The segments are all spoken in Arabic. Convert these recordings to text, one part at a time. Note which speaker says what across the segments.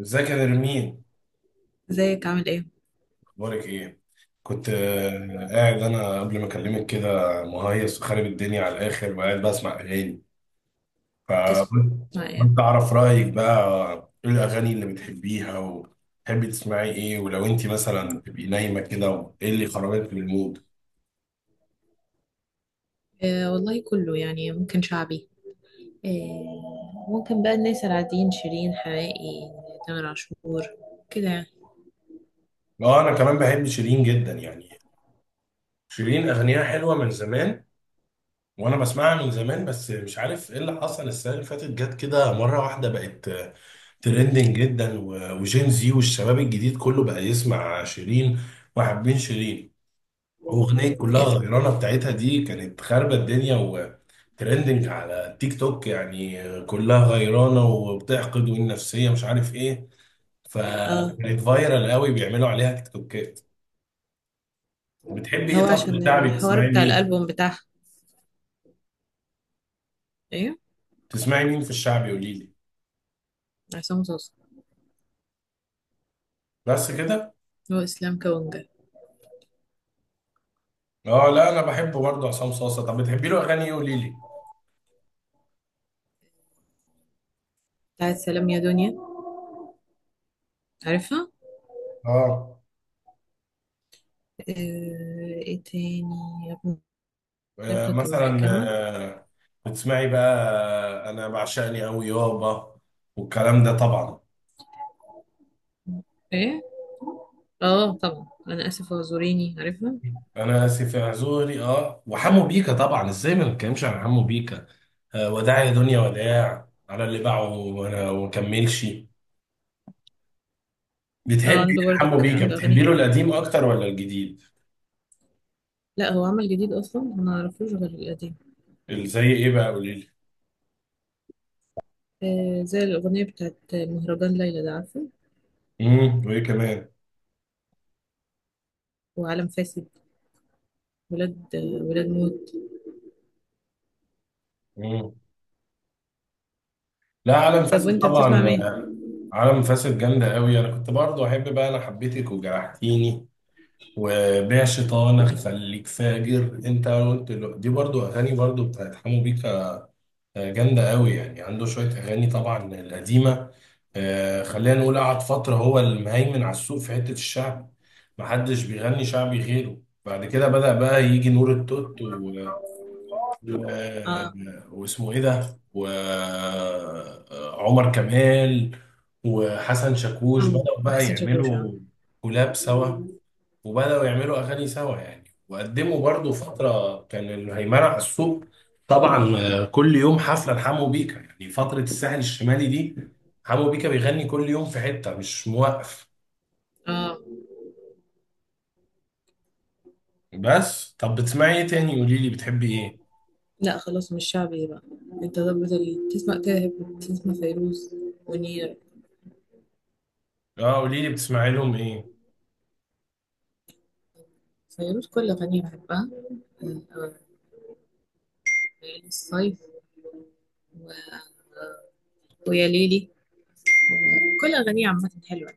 Speaker 1: ازيك يا نرمين؟
Speaker 2: ازيك عامل ايه؟
Speaker 1: اخبارك ايه؟ كنت قاعد انا قبل ما اكلمك كده، مهيص وخارب الدنيا على الاخر وقاعد بسمع اغاني،
Speaker 2: تسمع ايه؟
Speaker 1: فكنت اعرف رايك بقى. ايه الاغاني اللي بتحبيها وتحبي تسمعي ايه؟ ولو انت مثلا تبقي نايمه كده، ايه اللي خرجك من المود؟
Speaker 2: آه، والله كله يعني ممكن شعبي. آه، ممكن بقى الناس العاديين، شيرين حماقي، تامر عاشور، كده يعني.
Speaker 1: اه، انا كمان بحب شيرين جدا يعني. شيرين اغانيها حلوه من زمان، وانا بسمعها من زمان، بس مش عارف ايه اللي حصل السنه اللي فاتت، جت كده مره واحده بقت ترندنج جدا وجين زي، والشباب الجديد كله بقى يسمع شيرين وحابين شيرين. اغنيه كلها
Speaker 2: إيه؟
Speaker 1: غيرانه بتاعتها دي كانت خاربه الدنيا وترندنج على تيك توك، يعني كلها غيرانه وبتحقد والنفسيه مش عارف ايه.
Speaker 2: اه،
Speaker 1: فكانت فايرال قوي بيعملوا عليها تيك توكات. بتحبي
Speaker 2: هو
Speaker 1: ايه؟ طب في
Speaker 2: عشان
Speaker 1: الشعبي
Speaker 2: الحوار
Speaker 1: بتسمعي
Speaker 2: بتاع
Speaker 1: مين؟
Speaker 2: الألبوم بتاعها. ايه؟
Speaker 1: بتسمعي مين في الشعبي؟ قولي لي.
Speaker 2: عصام صوصة.
Speaker 1: بس كده؟
Speaker 2: هو إسلام كونجا.
Speaker 1: اه، لا انا بحب برضه عصام صاصا. طب بتحبي له اغاني ايه؟ قولي لي.
Speaker 2: بتاعت سلام يا دنيا. عارفها؟
Speaker 1: اه.
Speaker 2: آه. ايه تاني؟ يا ابن. نبتة
Speaker 1: مثلا
Speaker 2: المحكمة.
Speaker 1: بتسمعي بقى؟ انا بعشقني قوي يابا والكلام ده طبعا.
Speaker 2: ايه؟ اه طبعا، أنا آسف، اعذريني. عارفها؟
Speaker 1: انا اسف يا اعذوري. اه، وحمو بيكا طبعا، ازاي ما نتكلمش عن حمو بيكا؟ وداع يا دنيا وداع على اللي باعه وانا ومكملش.
Speaker 2: اه
Speaker 1: بتحبي إيه
Speaker 2: عنده
Speaker 1: حمو
Speaker 2: برضك
Speaker 1: بيكا؟
Speaker 2: عنده أغاني
Speaker 1: بتحبي له
Speaker 2: حلوة.
Speaker 1: القديم اكتر ولا الجديد؟
Speaker 2: لا، هو عمل جديد اصلا ما نعرفوش غير القديم.
Speaker 1: زي ايه بقى؟ قولي لي.
Speaker 2: آه، زي الاغنيه بتاعت مهرجان ليلى، ده عارفه.
Speaker 1: امم، وايه كمان؟
Speaker 2: وعالم فاسد. ولاد موت.
Speaker 1: امم. لا، عالم
Speaker 2: طب
Speaker 1: فاسد
Speaker 2: وانت بتسمع
Speaker 1: طبعا.
Speaker 2: مين؟
Speaker 1: عالم فاسد جامدة قوي. أنا كنت برضو أحب بقى أنا حبيتك وجرحتيني، وبيع شيطان، أخليك فاجر، أنت قلت له، دي برضو أغاني برضو بتاعت حمو بيكا جامدة قوي. يعني عنده شوية أغاني طبعا القديمة. خلينا نقول قعد فترة هو المهيمن على السوق في حتة الشعب، محدش بيغني شعبي غيره. بعد كده بدأ بقى يجي نور التوت، آه،
Speaker 2: اه،
Speaker 1: واسمه ايه ده، وعمر كمال وحسن شاكوش،
Speaker 2: حمو
Speaker 1: بدأوا بقى
Speaker 2: حسن شاكوش، اه.
Speaker 1: يعملوا كولاب سوا، وبدأوا يعملوا اغاني سوا يعني، وقدموا برضو فترة كان الهيمنة على السوق طبعا. كل يوم حفلة لحمو بيكا، يعني فترة الساحل الشمالي دي حمو بيكا بيغني كل يوم في حتة، مش موقف. بس طب بتسمعي ايه تاني؟ قولي لي بتحبي ايه.
Speaker 2: لا خلاص، مش شعبي بقى. انت ضبط تسمع، تاهب تسمع فيروز ونير.
Speaker 1: اه، قولي لي بتسمعي لهم ايه.
Speaker 2: فيروز كل اغانيه بحبها. آه آه، ليالي الصيف و... ويا ليلي. كل اغانيه عامه حلوه.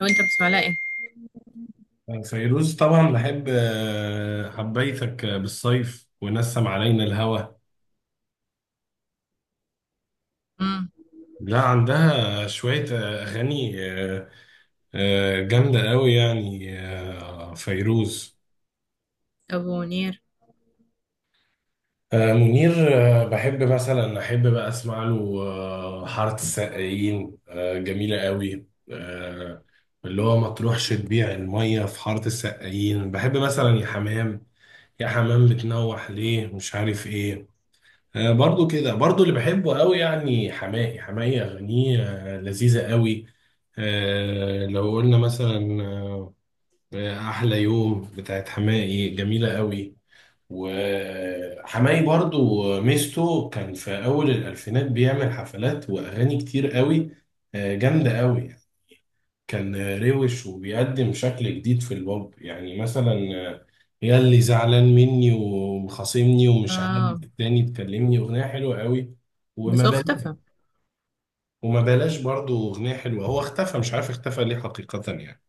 Speaker 2: لو انت بتسمع لها ايه؟
Speaker 1: فيروز طبعا بحب، حبيتك بالصيف ونسم علينا الهوى.
Speaker 2: امم
Speaker 1: لا عندها شوية أغاني جامدة قوي يعني فيروز.
Speaker 2: ابو منير.
Speaker 1: منير، بحب مثلا أحب بقى أسمع له حارة السقايين، جميلة قوي. آه، اللي هو ما تروحش تبيع المية في حارة السقايين. بحب مثلا يا حمام، يا حمام بتنوح ليه مش عارف إيه. برضو كده، برضو اللي بحبه قوي يعني حماقي. حماقي أغانيه لذيذة قوي. لو قلنا مثلا، أحلى يوم بتاعت حماقي جميلة قوي. وحماقي برضو ميزته كان في أول الألفينات بيعمل حفلات وأغاني كتير قوي، جامدة قوي. كان روش وبيقدم شكل جديد في البوب، يعني مثلا يا اللي زعلان مني ومخاصمني ومش عاجب
Speaker 2: اه
Speaker 1: التاني تكلمني، اغنيه حلوه قوي. وما
Speaker 2: بس هو
Speaker 1: بلاش،
Speaker 2: اختفى.
Speaker 1: وما بلاش برضه اغنيه حلوه. هو اختفى، مش عارف اختفى ليه حقيقه يعني.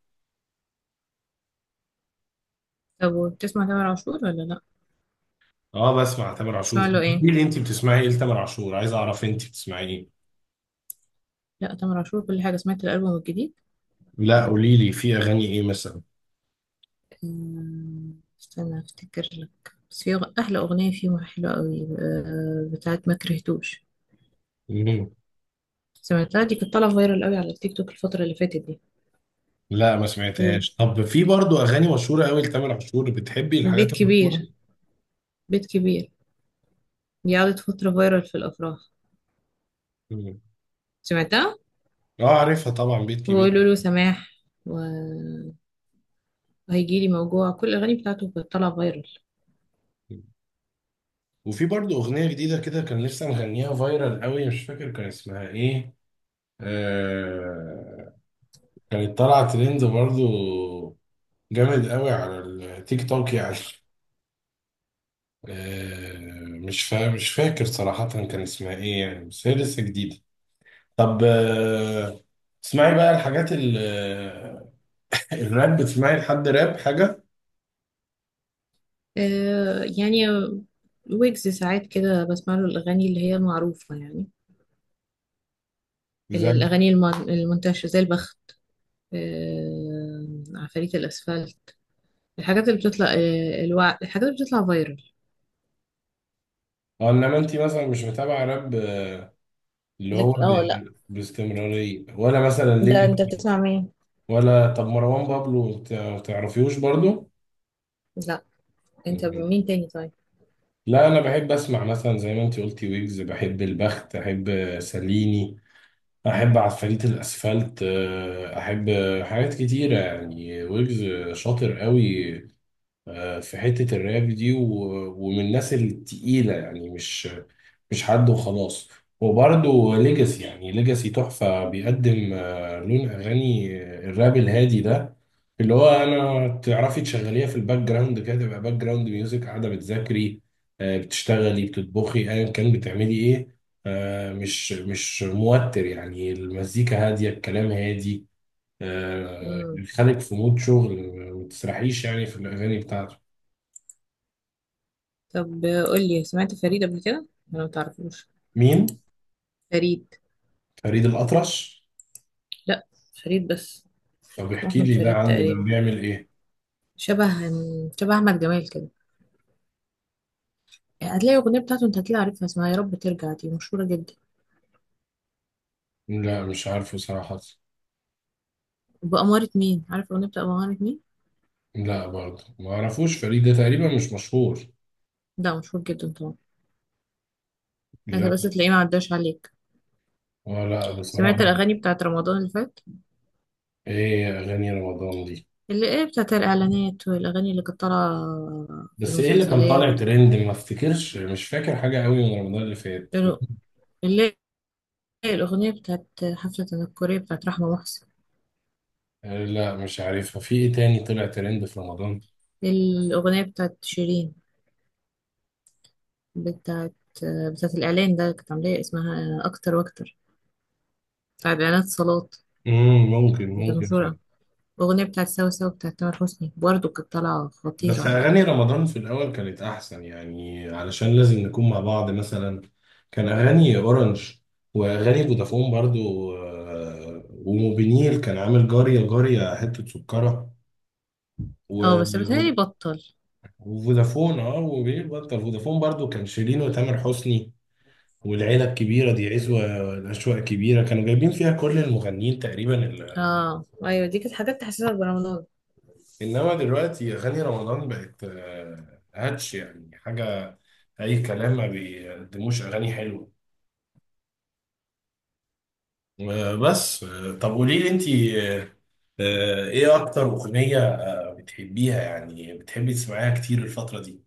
Speaker 2: طب وبتسمع تامر عاشور ولا لا؟
Speaker 1: اه، بسمع تامر عاشور.
Speaker 2: تسمع له
Speaker 1: طب
Speaker 2: ايه؟
Speaker 1: قولي لي انت بتسمعي ايه لتامر عاشور؟ عايز اعرف انت بتسمعي ايه.
Speaker 2: لا تامر عاشور كل حاجه، سمعت الالبوم الجديد.
Speaker 1: لا قولي لي، في اغاني ايه مثلا؟
Speaker 2: استنى افتكر لك. بس في احلى اغنيه فيه حلوه قوي، بتاعت ما كرهتوش.
Speaker 1: مم.
Speaker 2: سمعتها، دي كانت طالعه فايرال قوي على التيك توك الفتره اللي فاتت دي.
Speaker 1: لا ما
Speaker 2: أمم،
Speaker 1: سمعتهاش. طب في برضه اغاني مشهوره قوي لتامر عاشور، بتحبي
Speaker 2: بيت
Speaker 1: الحاجات المشهوره.
Speaker 2: كبير، بيت كبير، دي قعدت فتره فايرال في الافراح.
Speaker 1: مم.
Speaker 2: سمعتها.
Speaker 1: اه عارفها طبعا، بيت كبير.
Speaker 2: وقولوا له سماح، وهيجيلي، موجوع، كل الاغاني بتاعته كانت طالعه فايرال.
Speaker 1: يعني. وفي برضه أغنية جديدة كده كان لسه مغنيها فايرال قوي، مش فاكر كان اسمها إيه. آه، كانت طالعة ترند برضه جامد قوي على التيك توك يعني. آه، مش فاكر صراحة كان اسمها إيه يعني، بس هي لسه جديدة. طب آه، اسمعي بقى الحاجات ال... آه، الراب. بتسمعي لحد راب حاجة؟
Speaker 2: آه يعني، ويجز ساعات كده بسمع له الأغاني اللي هي المعروفة يعني.
Speaker 1: زي،
Speaker 2: الأغاني المنتشرة، زي البخت، آه عفاريت الأسفلت، الحاجات اللي بتطلع فايرال.
Speaker 1: اه، انما انت مثلا مش متابعة راب اللي هو
Speaker 2: لك
Speaker 1: ب...
Speaker 2: اه لا.
Speaker 1: باستمرارية؟ ولا مثلا
Speaker 2: ده انت
Speaker 1: ليجاسي؟
Speaker 2: بتسمع مين؟
Speaker 1: ولا طب مروان بابلو تعرفيوش برضو؟
Speaker 2: لا، انت
Speaker 1: مهم.
Speaker 2: مين تاني طيب؟
Speaker 1: لا انا بحب اسمع مثلا زي ما انت قلتي ويجز، بحب البخت، احب ساليني، احب عفاريت الاسفلت، احب حاجات كتيره يعني. ويجز شاطر قوي في حته الراب دي، ومن الناس التقيله يعني، مش مش حد وخلاص. وبرضه ليجاسي يعني ليجاسي تحفة، بيقدم لون أغاني الراب الهادي ده، اللي هو أنا تعرفي تشغليها في الباك جراوند كده، تبقى باك جراوند ميوزك، قاعدة بتذاكري بتشتغلي بتطبخي أيا كان بتعملي إيه. مش مش موتر يعني، المزيكا هادية الكلام هادي،
Speaker 2: مم.
Speaker 1: يخليك في مود شغل. ما تسرحيش يعني في الأغاني بتاعته.
Speaker 2: طب، قول لي، سمعت فريد قبل كده؟ انا ما تعرفوش
Speaker 1: مين؟
Speaker 2: فريد.
Speaker 1: فريد الأطرش؟
Speaker 2: لا، فريد بس.
Speaker 1: طب
Speaker 2: اسمه
Speaker 1: احكي
Speaker 2: أحمد
Speaker 1: لي ده،
Speaker 2: فريد
Speaker 1: عنه ده
Speaker 2: تقريبا.
Speaker 1: بيعمل إيه؟
Speaker 2: شبه شبه أحمد جمال كده. هتلاقي الأغنية بتاعته، انت هتلاقي، عارفها، اسمها يا رب ترجع، دي مشهورة جدا.
Speaker 1: لا مش عارفه صراحة.
Speaker 2: بأمارة مين؟ عارف الأغنية بتاع بأمارة مين.
Speaker 1: لا برضه ما اعرفوش فريد ده، تقريبا مش مشهور.
Speaker 2: ده مشهور جدا طبعا. انت
Speaker 1: لا.
Speaker 2: بس تلاقيه ما عداش عليك.
Speaker 1: ولا
Speaker 2: سمعت
Speaker 1: بصراحة.
Speaker 2: الأغاني بتاعت رمضان اللي فات؟
Speaker 1: ايه اغاني رمضان دي؟
Speaker 2: اللي ايه، بتاعت الإعلانات والأغاني اللي كانت طالعة في
Speaker 1: بس ايه اللي كان طالع
Speaker 2: المسلسلات.
Speaker 1: ترند؟ ما افتكرش، مش فاكر حاجة قوي من رمضان اللي فات.
Speaker 2: اللي اللي هي الأغنية بتاعت حفلة الكورية بتاعت رحمة محسن.
Speaker 1: لا مش عارفها. في ايه تاني طلع ترند في رمضان؟
Speaker 2: الأغنية بتاعت شيرين، بتاعت بتاعت الإعلان ده، كانت عاملاه اسمها أكتر وأكتر، بتاعت إعلانات صالات،
Speaker 1: امم، ممكن
Speaker 2: بتاعت
Speaker 1: ممكن.
Speaker 2: مشهورة. الأغنية بتاعت سوا سوا بتاعت تامر حسني برضه كانت طالعة خطيرة
Speaker 1: بس
Speaker 2: يعني.
Speaker 1: أغاني رمضان في الأول كانت أحسن يعني، علشان لازم نكون مع بعض مثلا. كان أغاني أورنج وأغاني فودافون برضو، وموبينيل كان عامل جارية جارية حتة سكرة،
Speaker 2: اه بس بتهيألي
Speaker 1: و-
Speaker 2: بطل.
Speaker 1: وفودافون، اه وموبينيل بطل، فودافون برضو كان شيرين وتامر حسني، والعيلة الكبيرة دي عزوة، الأشواق كبيرة، كانوا جايبين فيها كل المغنيين تقريبا.
Speaker 2: اه ايوه، دي كانت حاجات تحسسك برمضان.
Speaker 1: انما دلوقتي اغاني رمضان بقت هاتش يعني، حاجه اي كلام، ما بيقدموش اغاني حلوه. بس طب قولي لي انت، ايه اكتر اغنيه بتحبيها يعني، بتحبي تسمعيها كتير الفتره دي؟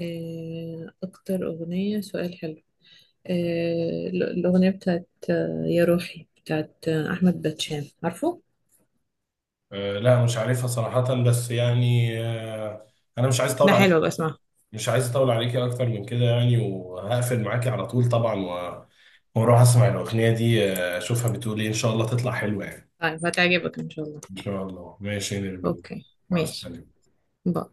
Speaker 2: آه اكتر أغنية سؤال حلو. آه، الأغنية بتاعت يا روحي بتاعت أحمد باتشان، عارفه؟
Speaker 1: لا مش عارفها صراحه، بس يعني انا مش عايز
Speaker 2: ده
Speaker 1: اطول عليك،
Speaker 2: حلو بسمعها.
Speaker 1: مش عايز اطول عليكي اكتر من كده يعني، وهقفل معاكي على طول طبعا، واروح اسمع الاغنيه دي، اشوفها بتقول ايه، ان شاء الله تطلع حلوه يعني.
Speaker 2: طيب، هتعجبك إن شاء الله.
Speaker 1: إن شاء الله. ماشي يا نرمين،
Speaker 2: أوكي،
Speaker 1: مع
Speaker 2: ماشي.
Speaker 1: السلامة.
Speaker 2: باي.